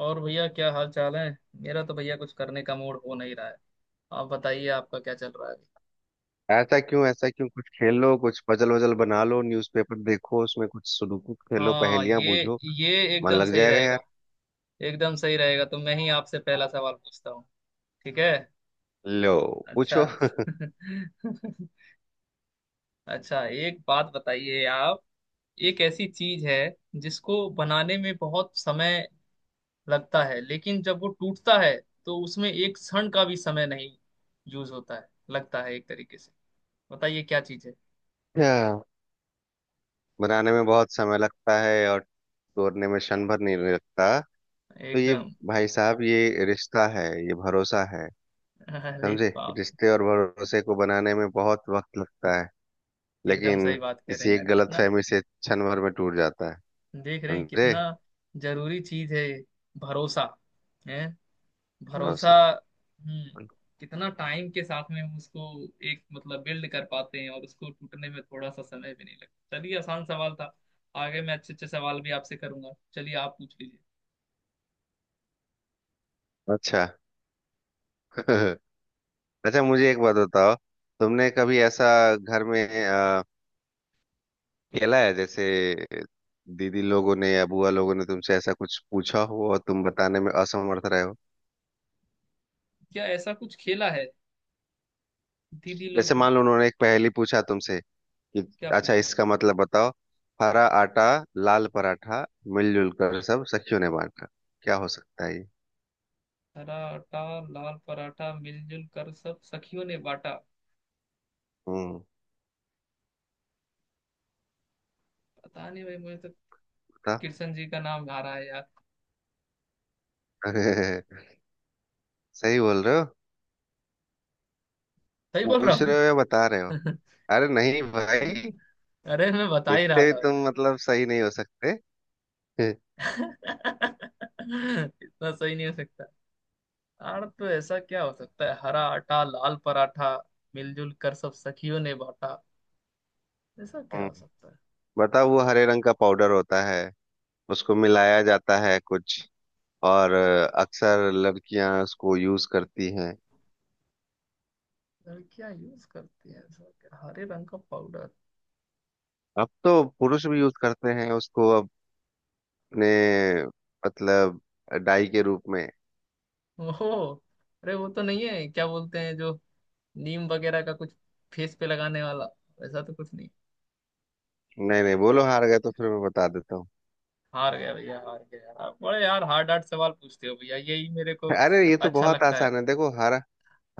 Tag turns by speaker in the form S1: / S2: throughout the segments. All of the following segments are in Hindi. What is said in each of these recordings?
S1: और भैया क्या हाल चाल है। मेरा तो भैया कुछ करने का मूड हो नहीं रहा है। आप बताइए आपका क्या चल रहा है।
S2: ऐसा क्यों? ऐसा क्यों? कुछ खेल लो, कुछ पजल वजल बना लो, न्यूज़पेपर देखो, उसमें कुछ सुडोकू खेलो,
S1: हाँ
S2: पहेलियां
S1: ये
S2: बूझो।
S1: ये
S2: मन
S1: एकदम
S2: लग
S1: सही
S2: जाएगा यार।
S1: रहेगा। एकदम सही रहेगा, तो मैं ही आपसे पहला सवाल पूछता हूँ। ठीक है।
S2: लो,
S1: अच्छा।
S2: पूछो।
S1: अच्छा, एक बात बताइए आप। एक ऐसी चीज है जिसको बनाने में बहुत समय लगता है, लेकिन जब वो टूटता है तो उसमें एक क्षण का भी समय नहीं यूज होता है, लगता है एक तरीके से। बताइए क्या चीज है।
S2: अच्छा, बनाने में बहुत समय लगता है और तोड़ने में क्षण भर नहीं लगता। तो ये,
S1: एकदम।
S2: भाई साहब, ये रिश्ता है, ये भरोसा है।
S1: अरे
S2: समझे?
S1: बाप।
S2: रिश्ते और भरोसे को बनाने में बहुत वक्त लगता है,
S1: एकदम
S2: लेकिन
S1: सही बात कह रहे
S2: किसी
S1: हैं यार,
S2: एक गलत
S1: कितना।
S2: फहमी से क्षण भर में टूट जाता है।
S1: देख रहे हैं
S2: समझे?
S1: कितना जरूरी चीज है ये, भरोसा है। भरोसा।
S2: भरोसा।
S1: हम्म। कितना टाइम के साथ में हम उसको एक मतलब बिल्ड कर पाते हैं, और उसको टूटने में थोड़ा सा समय भी नहीं लगता। चलिए आसान सवाल था। आगे मैं अच्छे अच्छे सवाल भी आपसे करूंगा। चलिए आप पूछ लीजिए।
S2: अच्छा। अच्छा, मुझे एक बात बताओ, तुमने कभी ऐसा घर में खेला है, जैसे दीदी लोगों ने या बुआ लोगों ने तुमसे ऐसा कुछ पूछा हो और तुम बताने में असमर्थ रहे हो?
S1: क्या ऐसा कुछ खेला है दीदी लोग।
S2: जैसे मान लो उन्होंने एक पहेली पूछा तुमसे कि
S1: क्या
S2: अच्छा
S1: पूछा।
S2: इसका मतलब बताओ। हरा आटा, लाल पराठा, मिलजुल कर सब सखियों ने बांटा। क्या हो सकता है ये?
S1: हरा आटा लाल पराठा मिलजुल कर सब सखियों ने बांटा।
S2: हम्म,
S1: पता नहीं भाई, मुझे तो
S2: बता।
S1: कृष्ण जी का नाम आ रहा है यार।
S2: सही बोल रहे हो?
S1: सही बोल
S2: पूछ रहे हो या
S1: रहा।
S2: बता रहे हो? अरे नहीं भाई,
S1: अरे मैं बता ही रहा
S2: इतने भी
S1: था
S2: तुम
S1: भैया।
S2: मतलब सही नहीं हो सकते।
S1: इतना सही नहीं हो सकता। यार, तो ऐसा क्या हो सकता है। हरा आटा लाल पराठा मिलजुल कर सब सखियों ने बांटा। ऐसा क्या
S2: हम्म,
S1: हो सकता है।
S2: बताओ। वो हरे रंग का पाउडर होता है, उसको मिलाया जाता है कुछ, और अक्सर लड़कियां उसको यूज करती हैं।
S1: लड़कियां यूज करती है ऐसा क्या हरे रंग का पाउडर।
S2: अब तो पुरुष भी यूज करते हैं उसको, अपने, मतलब, डाई के रूप में।
S1: ओहो। अरे वो तो नहीं है, क्या बोलते हैं, जो नीम वगैरह का कुछ फेस पे लगाने वाला। ऐसा तो कुछ नहीं।
S2: नहीं नहीं, बोलो, हार गए तो फिर मैं बता देता हूँ।
S1: हार गया भैया हार गया। आप बड़े यार हार्ड हार्ड सवाल पूछते हो भैया यही मेरे को।
S2: अरे ये तो
S1: अच्छा
S2: बहुत
S1: लगता।
S2: आसान है, देखो। हरा,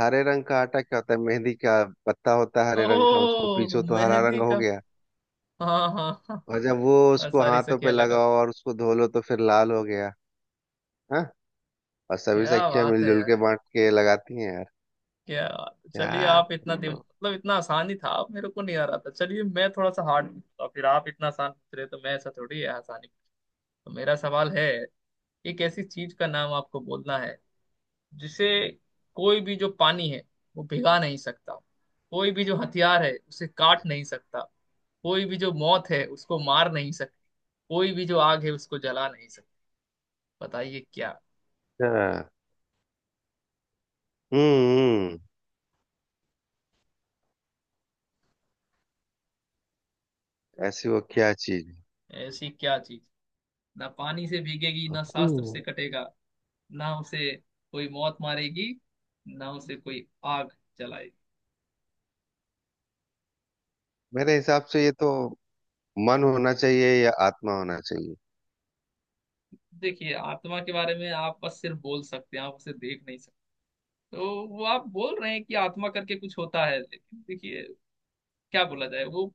S2: हरे रंग का आटा क्या होता है? मेहंदी का पत्ता होता है हरे रंग का, उसको
S1: ओह,
S2: पीसो तो हरा रंग
S1: मेहंदी
S2: हो
S1: का।
S2: गया।
S1: हाँ हाँ हाँ।
S2: और जब वो
S1: और
S2: उसको
S1: सारी
S2: हाथों पे
S1: सखियां
S2: लगाओ
S1: लगाते।
S2: और उसको धो लो तो फिर लाल हो गया। हाँ? और सभी
S1: क्या
S2: सखियां
S1: बात है
S2: मिलजुल
S1: यार।
S2: के बांट के लगाती हैं यार।
S1: क्या बात है। चलिए
S2: क्या?
S1: आप इतना दिम
S2: तो-
S1: मतलब इतना आसानी था, आप मेरे को नहीं आ रहा था। चलिए मैं थोड़ा सा हार्ड पूछता हूँ, तो फिर आप इतना आसान पूछ रहे हैं, तो मैं ऐसा थोड़ी है आसानी। तो मेरा सवाल है। एक ऐसी चीज का नाम आपको बोलना है जिसे कोई भी जो पानी है वो भिगा नहीं सकता। कोई भी जो हथियार है उसे काट नहीं सकता। कोई भी जो मौत है उसको मार नहीं सकती। कोई भी जो आग है उसको जला नहीं सकती। बताइए क्या।
S2: अच्छा। हम्म। ऐसी वो क्या चीज है?
S1: ऐसी क्या चीज। ना पानी से भीगेगी, ना शास्त्र
S2: हम्म,
S1: से कटेगा, ना उसे कोई मौत मारेगी, ना उसे कोई आग जलाएगी।
S2: मेरे हिसाब से ये तो मन होना चाहिए या आत्मा होना चाहिए।
S1: देखिए आत्मा के बारे में आप बस सिर्फ बोल सकते हैं, आप उसे देख नहीं सकते। तो वो आप बोल रहे हैं कि आत्मा करके कुछ होता है, लेकिन देखिए क्या बोला जाए वो।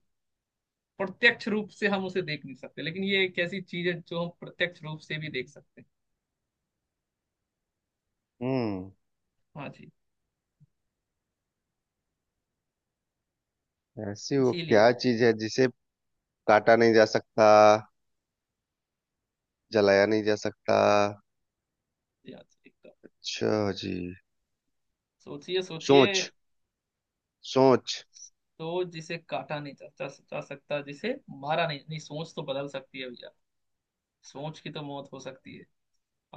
S1: प्रत्यक्ष रूप से हम उसे देख नहीं सकते, लेकिन ये एक ऐसी चीज है जो हम प्रत्यक्ष रूप से भी देख सकते हैं।
S2: हम्म।
S1: हाँ जी।
S2: ऐसी वो
S1: इसीलिए
S2: क्या चीज है जिसे काटा नहीं जा सकता, जलाया नहीं जा सकता?
S1: ये आज एक तो
S2: अच्छा जी।
S1: सोचिए सोचिए।
S2: सोच, सोच।
S1: तो जिसे काटा नहीं जा सकता, जिसे मारा नहीं नहीं, सोच तो बदल सकती है भैया। सोच की तो मौत हो सकती है।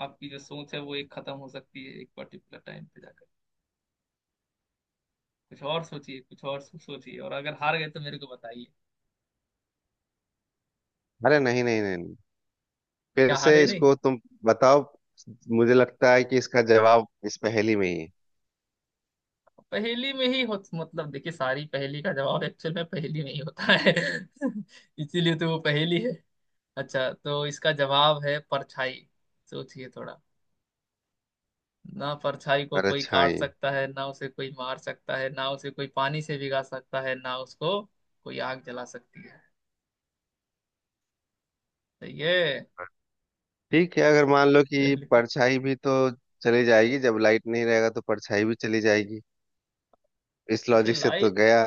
S1: आपकी जो सोच है वो एक खत्म हो सकती है एक पर्टिकुलर टाइम पे जाकर। कुछ और सोचिए, कुछ और सोचिए, और अगर हार गए तो मेरे को बताइए।
S2: अरे नहीं नहीं नहीं नहीं। फिर
S1: क्या
S2: से
S1: हारे नहीं।
S2: इसको तुम बताओ। मुझे लगता है कि इसका जवाब इस पहेली में ही है।
S1: पहेली में ही हो मतलब, देखिए सारी पहेली का जवाब एक्चुअल में पहेली में ही होता है। इसीलिए तो वो पहेली है। अच्छा, तो इसका जवाब है परछाई। सोचिए थोड़ा। ना परछाई को कोई काट
S2: परछाई?
S1: सकता है, ना उसे कोई मार सकता है, ना उसे कोई पानी से भिगा सकता है, ना उसको कोई आग जला सकती है। सही है।
S2: ठीक है, अगर मान लो कि
S1: चलिए।
S2: परछाई भी तो चली जाएगी। जब लाइट नहीं रहेगा तो परछाई भी चली जाएगी। इस
S1: देखिए
S2: लॉजिक से तो
S1: लाइट,
S2: गया।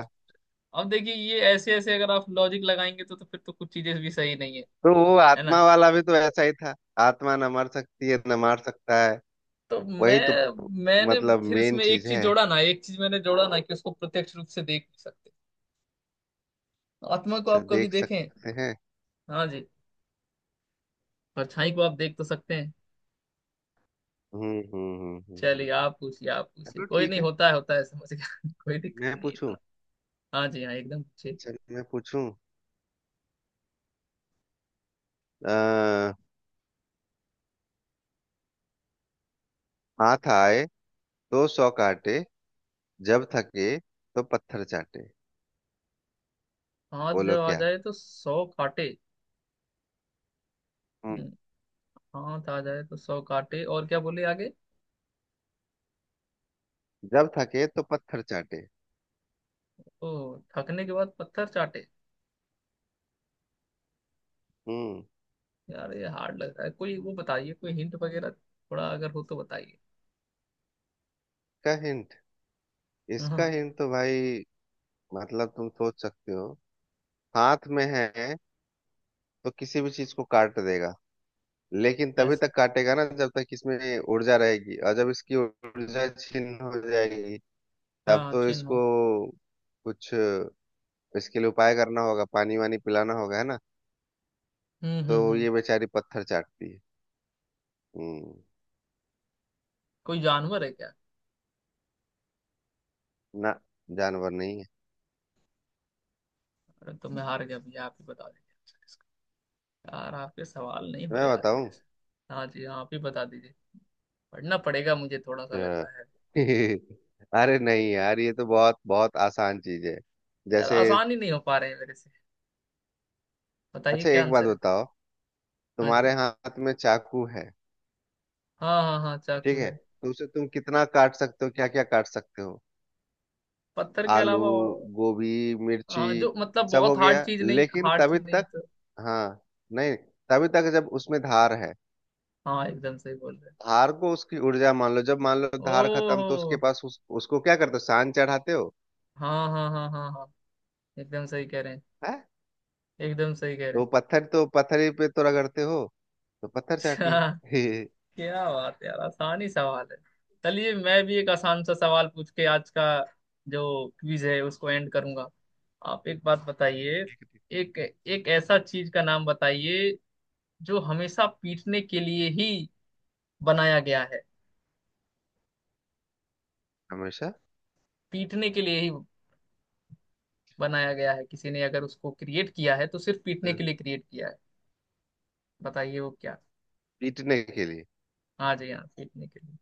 S1: अब देखिए ये ऐसे ऐसे अगर आप लॉजिक लगाएंगे तो फिर तो कुछ चीजें भी सही नहीं है।
S2: तो वो
S1: है ना।
S2: आत्मा वाला भी तो ऐसा ही था। आत्मा न मर सकती है न मार सकता है।
S1: तो मैं
S2: वही तो,
S1: मैंने
S2: मतलब,
S1: फिर
S2: मेन
S1: उसमें एक
S2: चीज
S1: चीज
S2: है।
S1: जोड़ा ना, एक चीज मैंने जोड़ा ना, कि उसको प्रत्यक्ष रूप से देख नहीं सकते। आत्मा को
S2: अच्छा,
S1: आप कभी
S2: देख
S1: देखें।
S2: सकते हैं।
S1: हाँ जी। परछाई को आप देख तो सकते हैं।
S2: हम्म हम्म हम्म हम्म
S1: चलिए
S2: हम्म।
S1: आप पूछिए आप पूछिए,
S2: चलो
S1: कोई
S2: ठीक
S1: नहीं
S2: है,
S1: होता है होता है, समझ गया। कोई दिक्कत
S2: मैं
S1: नहीं है।
S2: पूछूं?
S1: हाँ जी हाँ, एकदम ठीक।
S2: अच्छा, मैं पूछूं। अः हाथ आए तो सौ काटे, जब थके तो पत्थर चाटे।
S1: हाथ
S2: बोलो
S1: जब आ
S2: क्या?
S1: जाए तो सौ काटे।
S2: हम्म।
S1: हम्म। हाथ आ जाए तो सौ काटे, और क्या बोले आगे।
S2: जब थके तो पत्थर चाटे।
S1: ओ, थकने के बाद पत्थर चाटे।
S2: हम्म।
S1: यार ये हार्ड लग रहा है। कोई वो बताइए, कोई हिंट वगैरह थोड़ा अगर हो तो बताइए।
S2: इसका हिंट? इसका
S1: हाँ
S2: हिंट तो भाई, मतलब तुम सोच सकते हो। हाथ में है तो किसी भी चीज को काट देगा, लेकिन तभी
S1: ऐसा।
S2: तक काटेगा ना जब तक इसमें ऊर्जा रहेगी। और जब इसकी ऊर्जा छिन्न हो जाएगी, तब
S1: हाँ
S2: तो
S1: चिन्ह
S2: इसको
S1: हो।
S2: कुछ, इसके लिए उपाय करना होगा, पानी वानी पिलाना होगा, है ना? तो
S1: हम्म।
S2: ये बेचारी पत्थर चाटती है। हम्म।
S1: कोई जानवर है क्या।
S2: ना, जानवर नहीं है।
S1: अरे, तो मैं हार गया भैया, आप ही बता दीजिए आंसर इसका। यार आपके सवाल नहीं हो
S2: मैं
S1: रहे आज
S2: बताऊं?
S1: मेरे से। हाँ जी हाँ, आप ही बता दीजिए। पढ़ना पड़ेगा मुझे थोड़ा सा लग
S2: अच्छा।
S1: रहा है।
S2: अरे नहीं यार, ये तो बहुत बहुत आसान चीज है।
S1: यार
S2: जैसे,
S1: आसान ही नहीं हो पा रहे हैं मेरे से। बताइए
S2: अच्छा
S1: क्या
S2: एक बात
S1: आंसर है।
S2: बताओ,
S1: हाँ जी।
S2: तुम्हारे हाथ में चाकू है,
S1: हाँ हाँ हाँ,
S2: ठीक
S1: चाकू
S2: है?
S1: है।
S2: तो उसे तुम कितना काट सकते हो, क्या क्या काट सकते हो?
S1: पत्थर के
S2: आलू,
S1: अलावा और।
S2: गोभी, मिर्ची,
S1: हाँ, जो मतलब
S2: सब हो
S1: बहुत हार्ड
S2: गया,
S1: चीज नहीं,
S2: लेकिन
S1: हार्ड
S2: तभी
S1: चीज नहीं है
S2: तक।
S1: तो।
S2: हाँ। नहीं, तभी तक जब उसमें धार है।
S1: हाँ एकदम सही बोल रहे हैं।
S2: धार को उसकी ऊर्जा मान लो, जब मान लो धार खत्म, तो उसके
S1: ओहो।
S2: पास उसको क्या करते हो, सान चढ़ाते हो
S1: हाँ हाँ हाँ हाँ हाँ, एकदम सही कह रहे हैं।
S2: है?
S1: एकदम सही कह
S2: तो
S1: रहे हैं।
S2: वो पत्थर तो पत्थर ही पे तो रगड़ते हो, तो पत्थर चाटी।
S1: अच्छा, क्या बात है यार, आसानी सवाल है। चलिए मैं भी एक आसान सा सवाल पूछ के आज का जो क्विज है उसको एंड करूंगा। आप एक बात बताइए। एक एक ऐसा चीज का नाम बताइए जो हमेशा पीटने के लिए ही बनाया गया है।
S2: हमेशा?
S1: पीटने के लिए ही बनाया गया है, किसी ने अगर उसको क्रिएट किया है तो सिर्फ पीटने के
S2: हाँ,
S1: लिए क्रिएट किया है। बताइए वो क्या।
S2: पीटने के लिए?
S1: आ जाइए आप पीटने के लिए।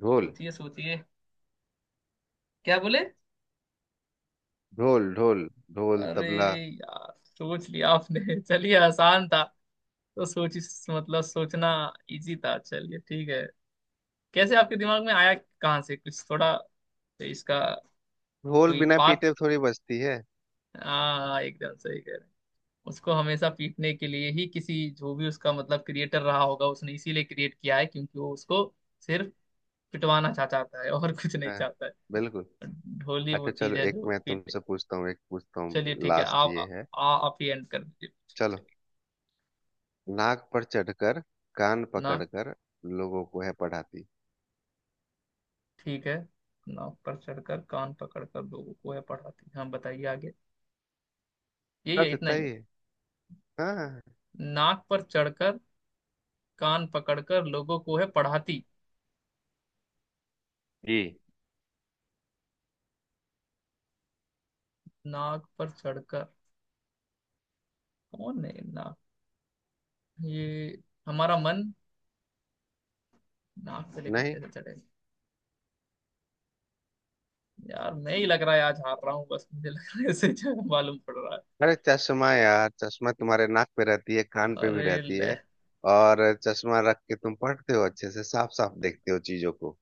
S2: ढोल।
S1: सोचिए सोचिए। क्या बोले।
S2: ढोल। ढोल, ढोल
S1: अरे
S2: तबला।
S1: यार सोच लिया आपने। चलिए आसान था। तो सोच मतलब सोचना इजी था। चलिए ठीक है। कैसे आपके दिमाग में आया, कहाँ से कुछ थोड़ा, तो इसका
S2: ढोल
S1: कोई
S2: बिना
S1: पाथ।
S2: पीटे थोड़ी बजती है।
S1: हाँ एकदम सही कह रहे हैं। उसको हमेशा पीटने के लिए ही किसी, जो भी उसका मतलब क्रिएटर रहा होगा, उसने इसीलिए क्रिएट किया है क्योंकि वो उसको सिर्फ पिटवाना चा चाहता है और कुछ नहीं
S2: हाँ,
S1: चाहता है।
S2: बिल्कुल।
S1: ढोली वो
S2: अच्छा,
S1: चीज
S2: चलो
S1: है
S2: एक
S1: जो
S2: मैं
S1: पीटे।
S2: तुमसे पूछता हूँ, एक पूछता
S1: चलिए
S2: हूँ,
S1: ठीक है
S2: लास्ट
S1: आप।
S2: ये है।
S1: आप ही एंड कर दीजिए।
S2: चलो।
S1: चलिए।
S2: नाक पर चढ़कर, कान
S1: ना
S2: पकड़कर, लोगों को है पढ़ाती।
S1: ठीक है। नाक पर चढ़कर कान पकड़कर लोगों को है पढ़ाती। हाँ बताइए आगे। यही है,
S2: बस
S1: इतना
S2: इतना
S1: ही है।
S2: ही है। हाँ
S1: नाक पर चढ़कर कान पकड़कर लोगों को है पढ़ाती।
S2: जी।
S1: नाक पर चढ़कर। कौन है नाक। ये हमारा मन। नाक से लेकर
S2: नहीं।
S1: कैसे चढ़ेगा। यार मैं ही लग रहा है आज हार रहा हूँ बस, मुझे लग रहा है ऐसे ही। मालूम पड़ रहा है।
S2: अरे चश्मा यार, चश्मा तुम्हारे नाक पे रहती है, कान पे भी
S1: अरे
S2: रहती
S1: ले।
S2: है। और चश्मा रख के तुम पढ़ते हो, अच्छे से साफ साफ देखते हो चीजों को।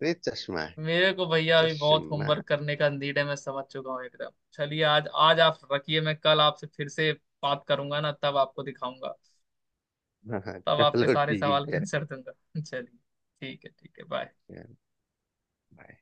S2: तो ये चश्मा है।
S1: मेरे को भैया अभी बहुत
S2: चश्मा।
S1: होमवर्क करने का नीड है, मैं समझ चुका हूँ एकदम। चलिए आज आज आप रखिए, मैं कल आपसे फिर से बात करूंगा ना, तब आपको दिखाऊंगा।
S2: हाँ,
S1: तब आपके
S2: चलो
S1: सारे सवाल
S2: ठीक
S1: के
S2: है।
S1: आंसर दूंगा। चलिए ठीक है ठीक है, बाय।
S2: बाय।